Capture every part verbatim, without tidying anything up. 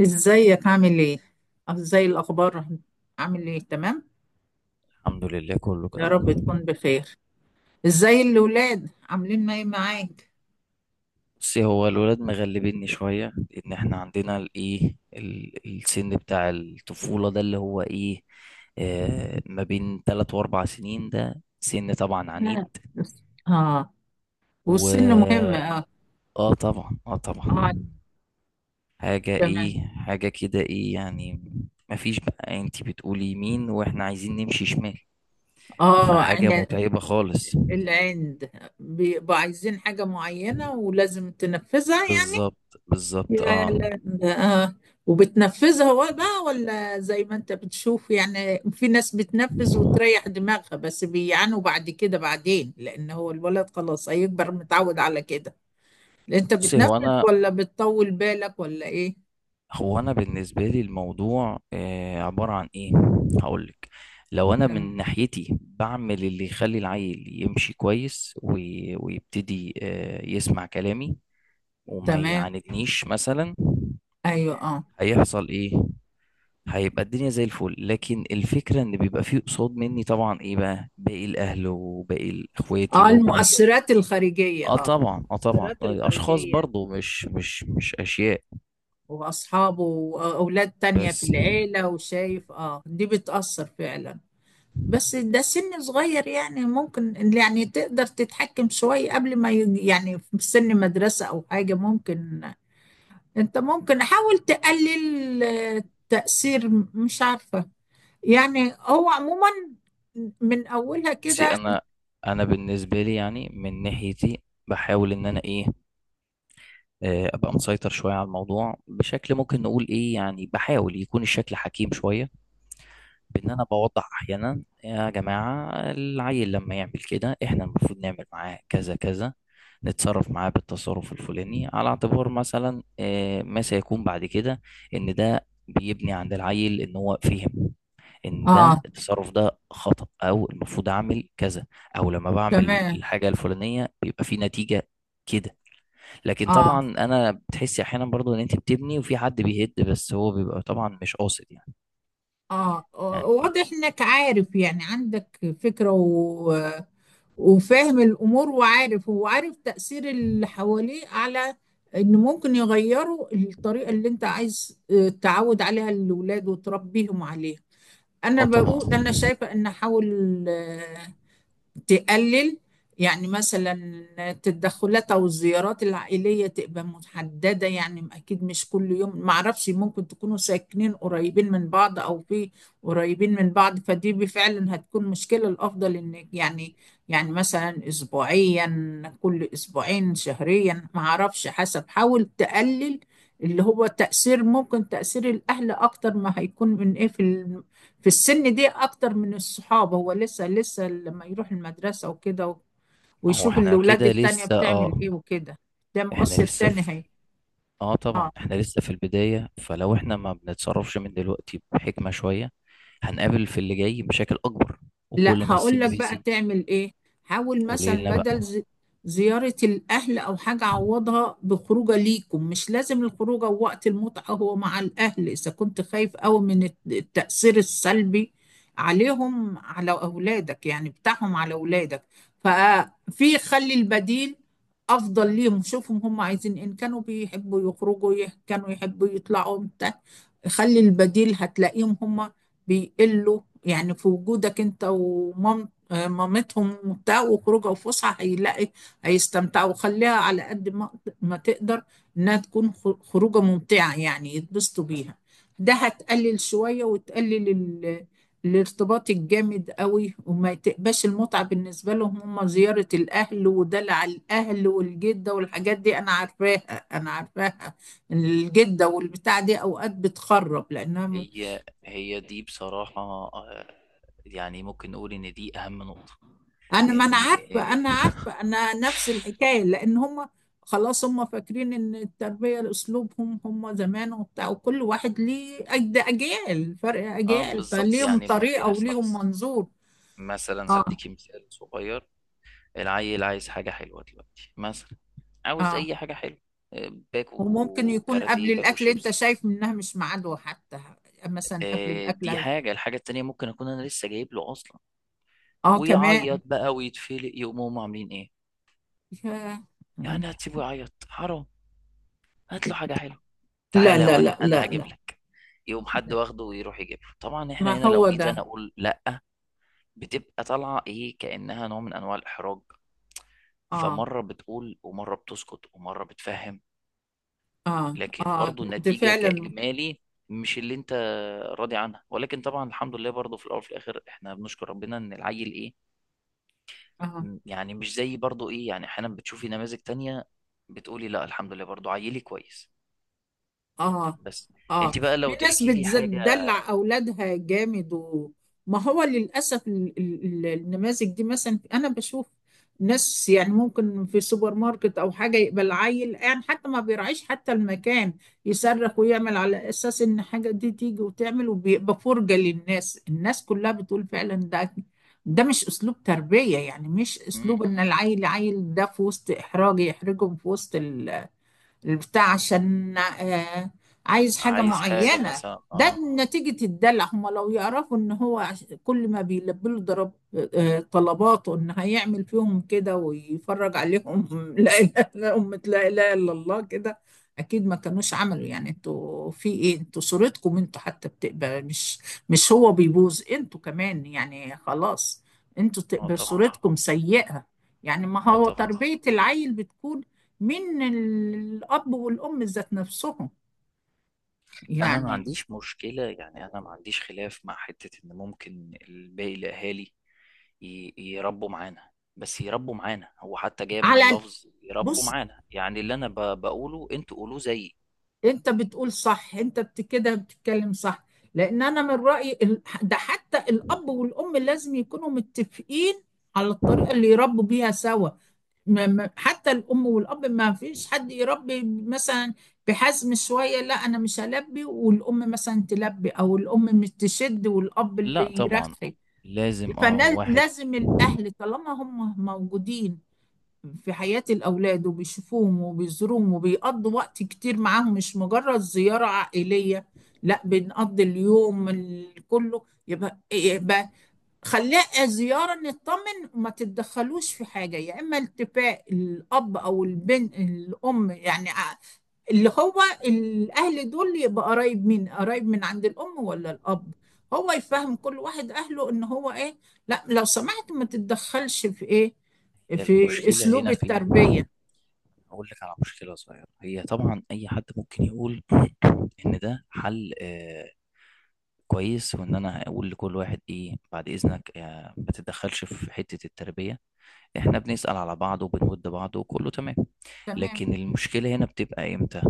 ازيك؟ عامل ايه؟ أه، ازاي الاخبار؟ عامل ايه؟ تمام. الحمد لله، كله يا تمام. رب تكون بخير. ازاي الاولاد، عاملين ايه معاك؟ بصي، هو الولاد مغلبيني شوية لأن احنا عندنا الإيه ال- السن بتاع الطفولة ده، اللي هو إيه آه ما بين تلات وأربع سنين، ده سن طبعا إحنا- عنيد. اه. والسن مهم، و اه. آه طبعا، آه طبعا. اه، حاجة، تمام. إيه، حاجة كده، إيه يعني. مفيش بقى، أنتي بتقولي يمين وإحنا عايزين نمشي شمال، اه، فحاجة انا متعبة خالص. العند، بيبقوا عايزين حاجة معينة ولازم تنفذها. يعني بالظبط، بالظبط، يا اه. لهوي، اه. وبتنفذها و- بقى، ولا زي ما انت بتشوف؟ يعني في ناس بتنفذ وتريح دماغها، بس بيعانوا بعد كده بعدين، لان هو الولد خلاص هيكبر متعود على كده. انت بصي، هو بتنفذ انا ولا بتطول بالك ولا ايه؟ هو انا بالنسبه لي الموضوع آه، عباره عن ايه، هقولك. لو انا تم- من ناحيتي بعمل اللي يخلي العيل يمشي كويس وي- ويبتدي آه، يسمع كلامي وما تمام. يعاندنيش مثلا، ايوه، اه. هيحصل ايه؟ هيبقى الدنيا زي الفل، لكن الفكره ان بيبقى فيه قصاد مني طبعا ايه بقى، باقي الاهل وباقي اخواتي اه، وابويا. المؤثرات الخارجية، اه اه، طبعا، اه طبعا، المؤثرات اشخاص الخارجية. برضو مش مش مش اشياء واصحابه واولاد تانية في بس. العيلة، وشايف اه، دي بتأثر فعلا. بس ده سن صغير يعني، ممكن يعني تقدر تتحكم شوية قبل ما يج- يعني في سن مدرسة أو حاجة ممكن. أنت ممكن حاول تقلل آه، تأثير، مش عارفة، يعني هو عموما من أولها بصي، كده. انا انا بالنسبه لي يعني من ناحيتي، بحاول ان انا ايه آه، ابقى مسيطر شويه على الموضوع، بشكل ممكن نقول ايه يعني، بحاول يكون الشكل حكيم شويه. بان انا بوضح احيانا، يا جماعه العيل لما يعمل كده احنا المفروض نعمل معاه كذا كذا، نتصرف معاه بالتصرف الفلاني، على اعتبار مثلا آه، ما سيكون بعد كده. ان ده بيبني عند العيل ان هو فهم ان ده آه، التصرف ده خطأ، او المفروض اعمل كذا، او لما بعمل تمام. الحاجة الفلانية بيبقى في نتيجة كده. لكن آه، طبعا، انا بتحسي احيانا برضو ان انت بتبني وفي حد بيهد، بس هو بيبقى طبعا مش قاصد يعني. آه، آه، يعني، واضح إنك عارف، يعني عندك فكرة وفاهم الأمور، وعارف، هو عارف تأثير اللي حواليه على إن ممكن يغيروا الطريقة اللي أنت عايز آه، تعود عليها الأولاد وتربيهم عليها. أنا اه طبعا. بقول، أنا شايفة إن أحاول تقلل. يعني مثلا التدخلات او الزيارات العائليه تبقى محدده، يعني اكيد مش كل يوم. ما اعرفش، ممكن تكونوا ساكنين قريبين من بعض او في، قريبين من بعض فدي بفعلا هتكون مشكله. الافضل ان يعني، يعني مثلا اسبوعيا، كل اسبوعين، شهريا، ما اعرفش حسب. حاول تقلل اللي هو تأثير، ممكن تأثير الأهل أكتر ما هيكون من إيه في في السن دي، اكتر من الصحاب. هو لسه لسه لما يروح المدرسة وكده و- ما هو ويشوف احنا الاولاد كده التانية لسه، بتعمل اه. ايه وكده. ده احنا مؤثر لسه تاني هي. في اه طبعا، اه. احنا لسه في البداية، فلو احنا ما بنتصرفش من دلوقتي بحكمة شوية، هنقابل في اللي جاي مشاكل اكبر، لا وكل ما هقول السن لك بقى بيزيد. تعمل ايه. حاول مثلا قليلنا بقى. بدل ز- زيارة الاهل او حاجة، عوضها بخروجه ليكم. مش لازم الخروجه وقت المتعة هو مع الاهل اذا كنت خايف قوي من الت- التأثير السلبي عليهم، على اولادك، يعني بتاعهم على اولادك. ففي، خلي البديل افضل ليهم. شوفهم هم عايزين إيه. ان كانوا بيحبوا يخرجوا يه- كانوا يحبوا يطلعوا بتاع. خلي البديل هتلاقيهم هم بيقلوا، يعني في وجودك انت ومام آه، مامتهم وبتاع، وخروجه وفسحه هيلاقي، هيستمتعوا. وخليها على قد ما ما تقدر انها تكون خ- خروجه ممتعه، يعني يتبسطوا بيها. ده هتقلل شويه، وتقلل ال- الارتباط الجامد قوي، وما تبقاش المتعه بالنسبه لهم هم زياره الاهل ودلع الاهل والجده والحاجات دي. انا عارفاها، انا عارفاها، الجده والبتاع دي اوقات بتخرب لانها، هي هي دي بصراحة، آه، يعني ممكن نقول إن دي أهم نقطة. انا ما انا إن عارفه، انا عارفه، انا نفس الحكايه. لان هم خلاص هم فاكرين ان التربيه اسلوبهم هم زمان وبتاع، وكل واحد ليه أج- ده اجيال، فرق آه اجيال، بالظبط، فليهم يعني ما طريقه بيحصل وليهم منظور. مثلا، اه. هديكي مثال صغير. العيل عايز حاجة حلوة دلوقتي مثلا، عاوز اه، أي حاجة حلوة، آه، وممكن باكو يكون قبل كاراتيه، باكو الاكل، انت شيبسي. شايف منها مش ميعاده حتى، مثلا قبل آه، الاكل. دي حاجة. الحاجة التانية ممكن أكون أنا لسه جايب له أصلا، اه، كمان. ويعيط بقى ويتفلق، يقوموا هم عاملين إيه؟ يا- يعني هتسيبه يعيط؟ حرام! هات له حاجة حلوة، لا، تعالى يا لا، ولا لا، انا لا، هجيب لا. لك. يقوم حد واخده ويروح يجيب له، طبعا احنا ما هنا لو هو جيت ده. انا اقول لا، بتبقى طالعه ايه كانها نوع من انواع الاحراج. اه. فمره بتقول ومره بتسكت ومره بتفهم، اه، لكن اه، برضو ده النتيجه فعلا. كاجمالي مش اللي انت راضي عنها، ولكن طبعا الحمد لله، برضو في الاول وفي الاخر احنا بنشكر ربنا ان العيل ايه، اه. م- يعني مش زي برضو ايه، يعني احيانا بتشوفي نماذج تانية، بتقولي لا، الحمد لله برضو عيلي كويس. اه. بس، انت اه. بقى في لو ناس تحكي لي حاجه. بتدلع اولادها جامد و... ما هو للاسف ال- ال- ال- النماذج دي. مثلا انا بشوف ناس، يعني ممكن في سوبر ماركت او حاجه يقبل العيل، يعني حتى ما بيراعيش حتى المكان، يصرخ ويعمل على اساس ان حاجه دي تيجي وتعمل، وبيبقى فرجه للناس. الناس كلها بتقول فعلا ده، ده مش اسلوب تربيه يعني. مش مم، اسلوب ان العيل، عيل ده، في وسط احراج، يحرجهم في وسط البتاع عشان آه، عايز حاجة عايز حاجه معينة. مثلا ده اه. نتيجة الدلع. هم لو يعرفوا ان هو عش- كل ما بيلبي له ضرب آه، طلباته، ان هيعمل فيهم كده ويفرج عليهم لا اله الا أمة، لا اله الا الله كده. اكيد ما كانوش عملوا، يعني انتوا في ايه؟ انتوا صورتكم انتوا حتى بتقبل، مش مش هو بيبوظ، انتوا كمان يعني خلاص، انتوا اه تقبل طبعا، صورتكم سيئة. يعني ما اه هو طبعا. تربية العيل بتكون من الأب والأم ذات نفسهم انا ما يعني. عنديش مشكله يعني، انا ما عنديش خلاف مع حته ان ممكن باقي الاهالي ي- يربوا معانا. بس يربوا معانا، هو حتى جاي من على، اللفظ يربوا بص. معانا، يعني اللي انا ب- بقوله انتوا قولوه زيي. أنت بتقول صح. أنت بت- كده بتتكلم صح، لأن أنا من رأيي ال- ده حتى الأب والأم لازم يكونوا متفقين على الطريقة اللي يربوا بيها سوا. ما- ما- حتى الأم والأب ما فيش حد يربي مثلا بحزم شوية لا، أنا مش هلبي والأم مثلا تلبي، أو الأم مش تشد والأب لا اللي طبعا، يرخي. لازم اه، واحد. فلازم الأهل طالما هم موجودين في حياة الأولاد وبيشوفوهم وبيزوروهم وبيقضوا وقت كتير معاهم، مش مجرد زيارة عائلية، لا بنقضي اليوم ال- كله، يبقى، يبقى خليها زيارة نطمن، وما تتدخلوش في حاجة، يا إما التفاء الأب أو البنت الأم يعني، اللي هو الأهل دول يبقى قرايب مين؟ قرايب من عند الأم ولا الأب؟ هو يفهم كل واحد أهله إن هو إيه؟ لا لو سمحت، ما تتدخلش في إيه؟ هي في المشكله أسلوب هنا فين؟ التربية. اقول لك على مشكله صغيره. هي طبعا اي حد ممكن يقول ان ده حل آه كويس، وان انا اقول لكل واحد ايه، بعد اذنك آه، ما تتدخلش في حتة التربية. احنا بنسأل على بعض وبنود بعض وكله تمام، تمام. لكن المشكلة هنا بتبقى امتى؟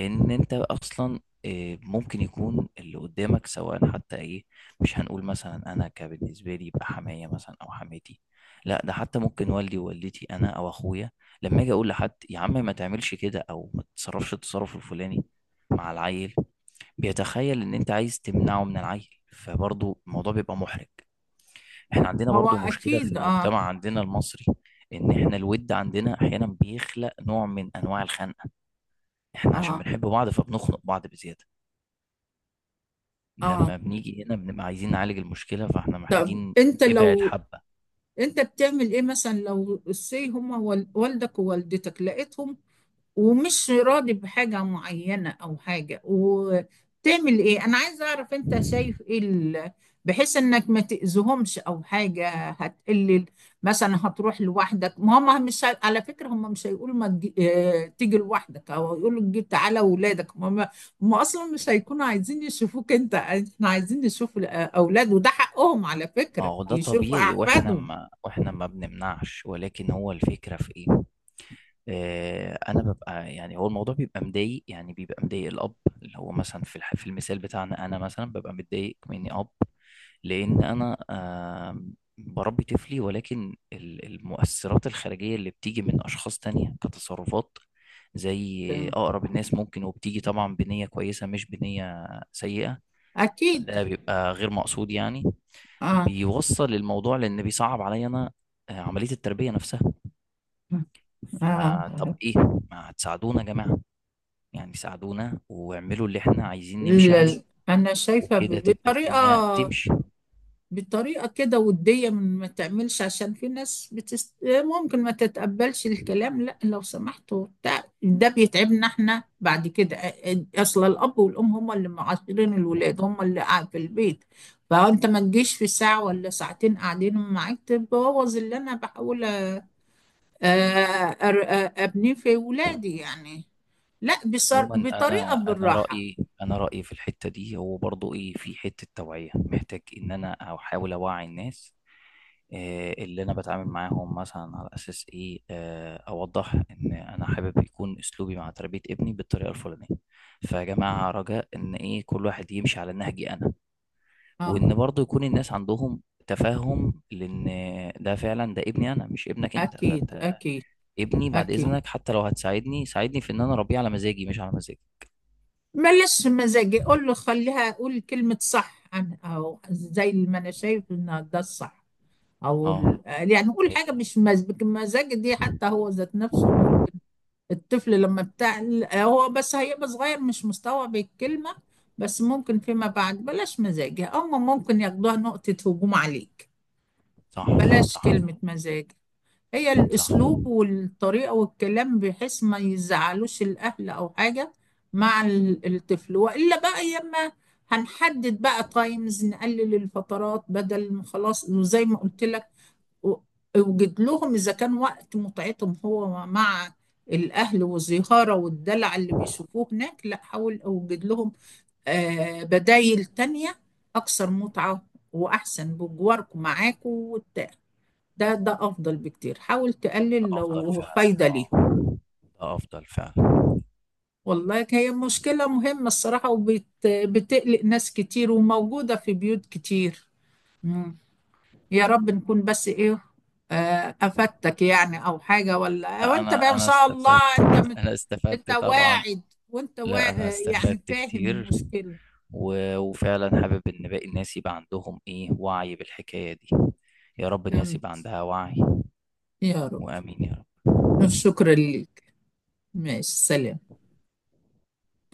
ان انت اصلا آه، ممكن يكون اللي قدامك سواء، حتى ايه، مش هنقول مثلا انا كبالنسبة لي يبقى حماية مثلا او حماتي، لا ده حتى ممكن والدي ووالدتي انا او اخويا. لما اجي اقول لحد يا عم ما تعملش كده او ما تتصرفش التصرف الفلاني مع العيل، بيتخيل ان انت عايز تمنعه من العيل، فبرضه الموضوع بيبقى محرج. احنا عندنا هو برضه مشكلة في أكيد، آه. المجتمع عندنا المصري، ان احنا الود عندنا احيانا بيخلق نوع من انواع الخنقة، احنا عشان آه. بنحب بعض فبنخنق بعض بزيادة. آه. لما بنيجي هنا بنبقى عايزين نعالج المشكلة، فاحنا محتاجين أنت نبعد لو، حبة. أنت بتعمل إيه مثلا لو سي هما وال- والدك ووالدتك لقيتهم ومش راضي بحاجة معينة أو حاجة، وتعمل إيه؟ أنا عايزة أعرف أنت شايف إيه ال- بحيث إنك ما تأذيهمش أو حاجة هتقلل؟ مثلا هتروح لوحدك، ما هم مش هي- على فكرة هم مش هيقولوا ما تجي، آه، تيجي لوحدك، أو هيقولوا تجي تعالى ولادك. هم هم أصلا مش هيكونوا عايزين يشوفوك أنت، إحنا عايزين نشوف الأولاد، وده حقهم على ما فكرة هو ده يشوفوا طبيعي، واحنا أحفادهم. ما واحنا ما بنمنعش، ولكن هو الفكرة في ايه، آه، انا ببقى يعني، هو الموضوع بيبقى مضايق، يعني بيبقى مضايق الاب، اللي هو مثلا في الح- في المثال بتاعنا، انا مثلا ببقى متضايق مني اب، لان انا آم، بربي طفلي، ولكن ال- المؤثرات الخارجيه اللي بتيجي من اشخاص تانية كتصرفات، زي اقرب الناس ممكن، وبتيجي طبعا بنيه كويسه مش بنيه سيئه، أكيد، ده بيبقى غير مقصود يعني، آه. بيوصل الموضوع لان بيصعب عليا انا آه، عمليه التربيه نفسها. آه. فطب ايه، ما هتساعدونا يا جماعه، يعني ساعدونا واعملوا اللي احنا عايزين نمشي عليه، لا، انا شايفه وكده ب- تبقى بطريقه، الدنيا تمشي. بطريقه كده وديه، من ما تعملش، عشان في ناس بتست، ممكن ما تتقبلش الكلام، لا لو سمحتوا ده, ده بيتعبنا احنا بعد كده. اصل الاب والام هم اللي معاشرين الولاد، هم اللي قاعد في البيت. فانت ما تجيش في ساعه ولا ساعتين قاعدين معاك تبوظ اللي انا بحاول أ- أر- أ- ابنيه في ولادي يعني. لا بصر، عموما، بطريقه انا انا بالراحه. رايي انا رايي في الحته دي هو برضو ايه، في حته توعيه، محتاج ان انا احاول اوعي الناس، آه، اللي انا بتعامل معاهم مثلا، على اساس ايه، آه، اوضح ان انا حابب يكون اسلوبي مع تربيه ابني بالطريقه الفلانيه، فيا جماعه رجاء ان ايه، كل واحد يمشي على نهجي انا، اه، وان برضو يكون الناس عندهم تفهم، لان ده فعلا ده ابني انا مش ابنك انت، اكيد، فانت اكيد. ابني بعد أكيد. اذنك، حتى لو هتساعدني ساعدني في ان انا اربيه على مزاجي مش على مزاجي. بلاش مزاجي، قول له خليها، أقول كلمة صح، عن أو زي ما أنا شايف إن ده الصح. أو اه، ال- يعني قول هي. حاجة مش مزاج. مزاج دي حتى هو ذات نفسه ممكن الطفل، لما بتاع، هو بس هيبقى صغير مش مستوعب الكلمة، بس ممكن فيما بعد، بلاش مزاجي، أما ممكن ياخدوها نقطة هجوم عليك. صح. بلاش صح. كلمة مزاج. هي صح، الأسلوب والطريقة والكلام بحيث ما يزعلوش الأهل أو حاجة، مع ال- الطفل، وإلا بقى يما. هنحدد بقى تايمز، نقلل الفترات بدل ما خلاص، وزي ما قلت لك، و- اوجد لهم، إذا كان وقت متعتهم هو مع الأهل والزهارة والدلع اللي بيشوفوه هناك، لا حاول أوجد لهم آه، بدايل تانية أكثر متعة وأحسن بجواركم معاكم. ده، ده افضل بكتير. حاول ده تقلل افضل لو آه. فعلا. فايده اه، ليهم. ده افضل فعلا. والله هي مشكله مهمه الصراحه، وبتقلق ناس كتير وموجوده في بيوت كتير. مم. يا رب نكون بس ايه، آه، افدتك يعني، او حاجه، ولا آه، لا، وانت بقى انا ان انا شاء استفدت. الله انت مت... انا استفدت انت طبعا. واعد، وانت وا، لا انا آه، يعني استفدت فاهم كتير، المشكله. و... وفعلا حابب ان باقي الناس يبقى عندهم ايه، وعي بالحكاية دي. يا رب الناس تمام. يبقى عندها وعي. يا رب. وامين يا رب. شكرا ليك. ماشي، سلام.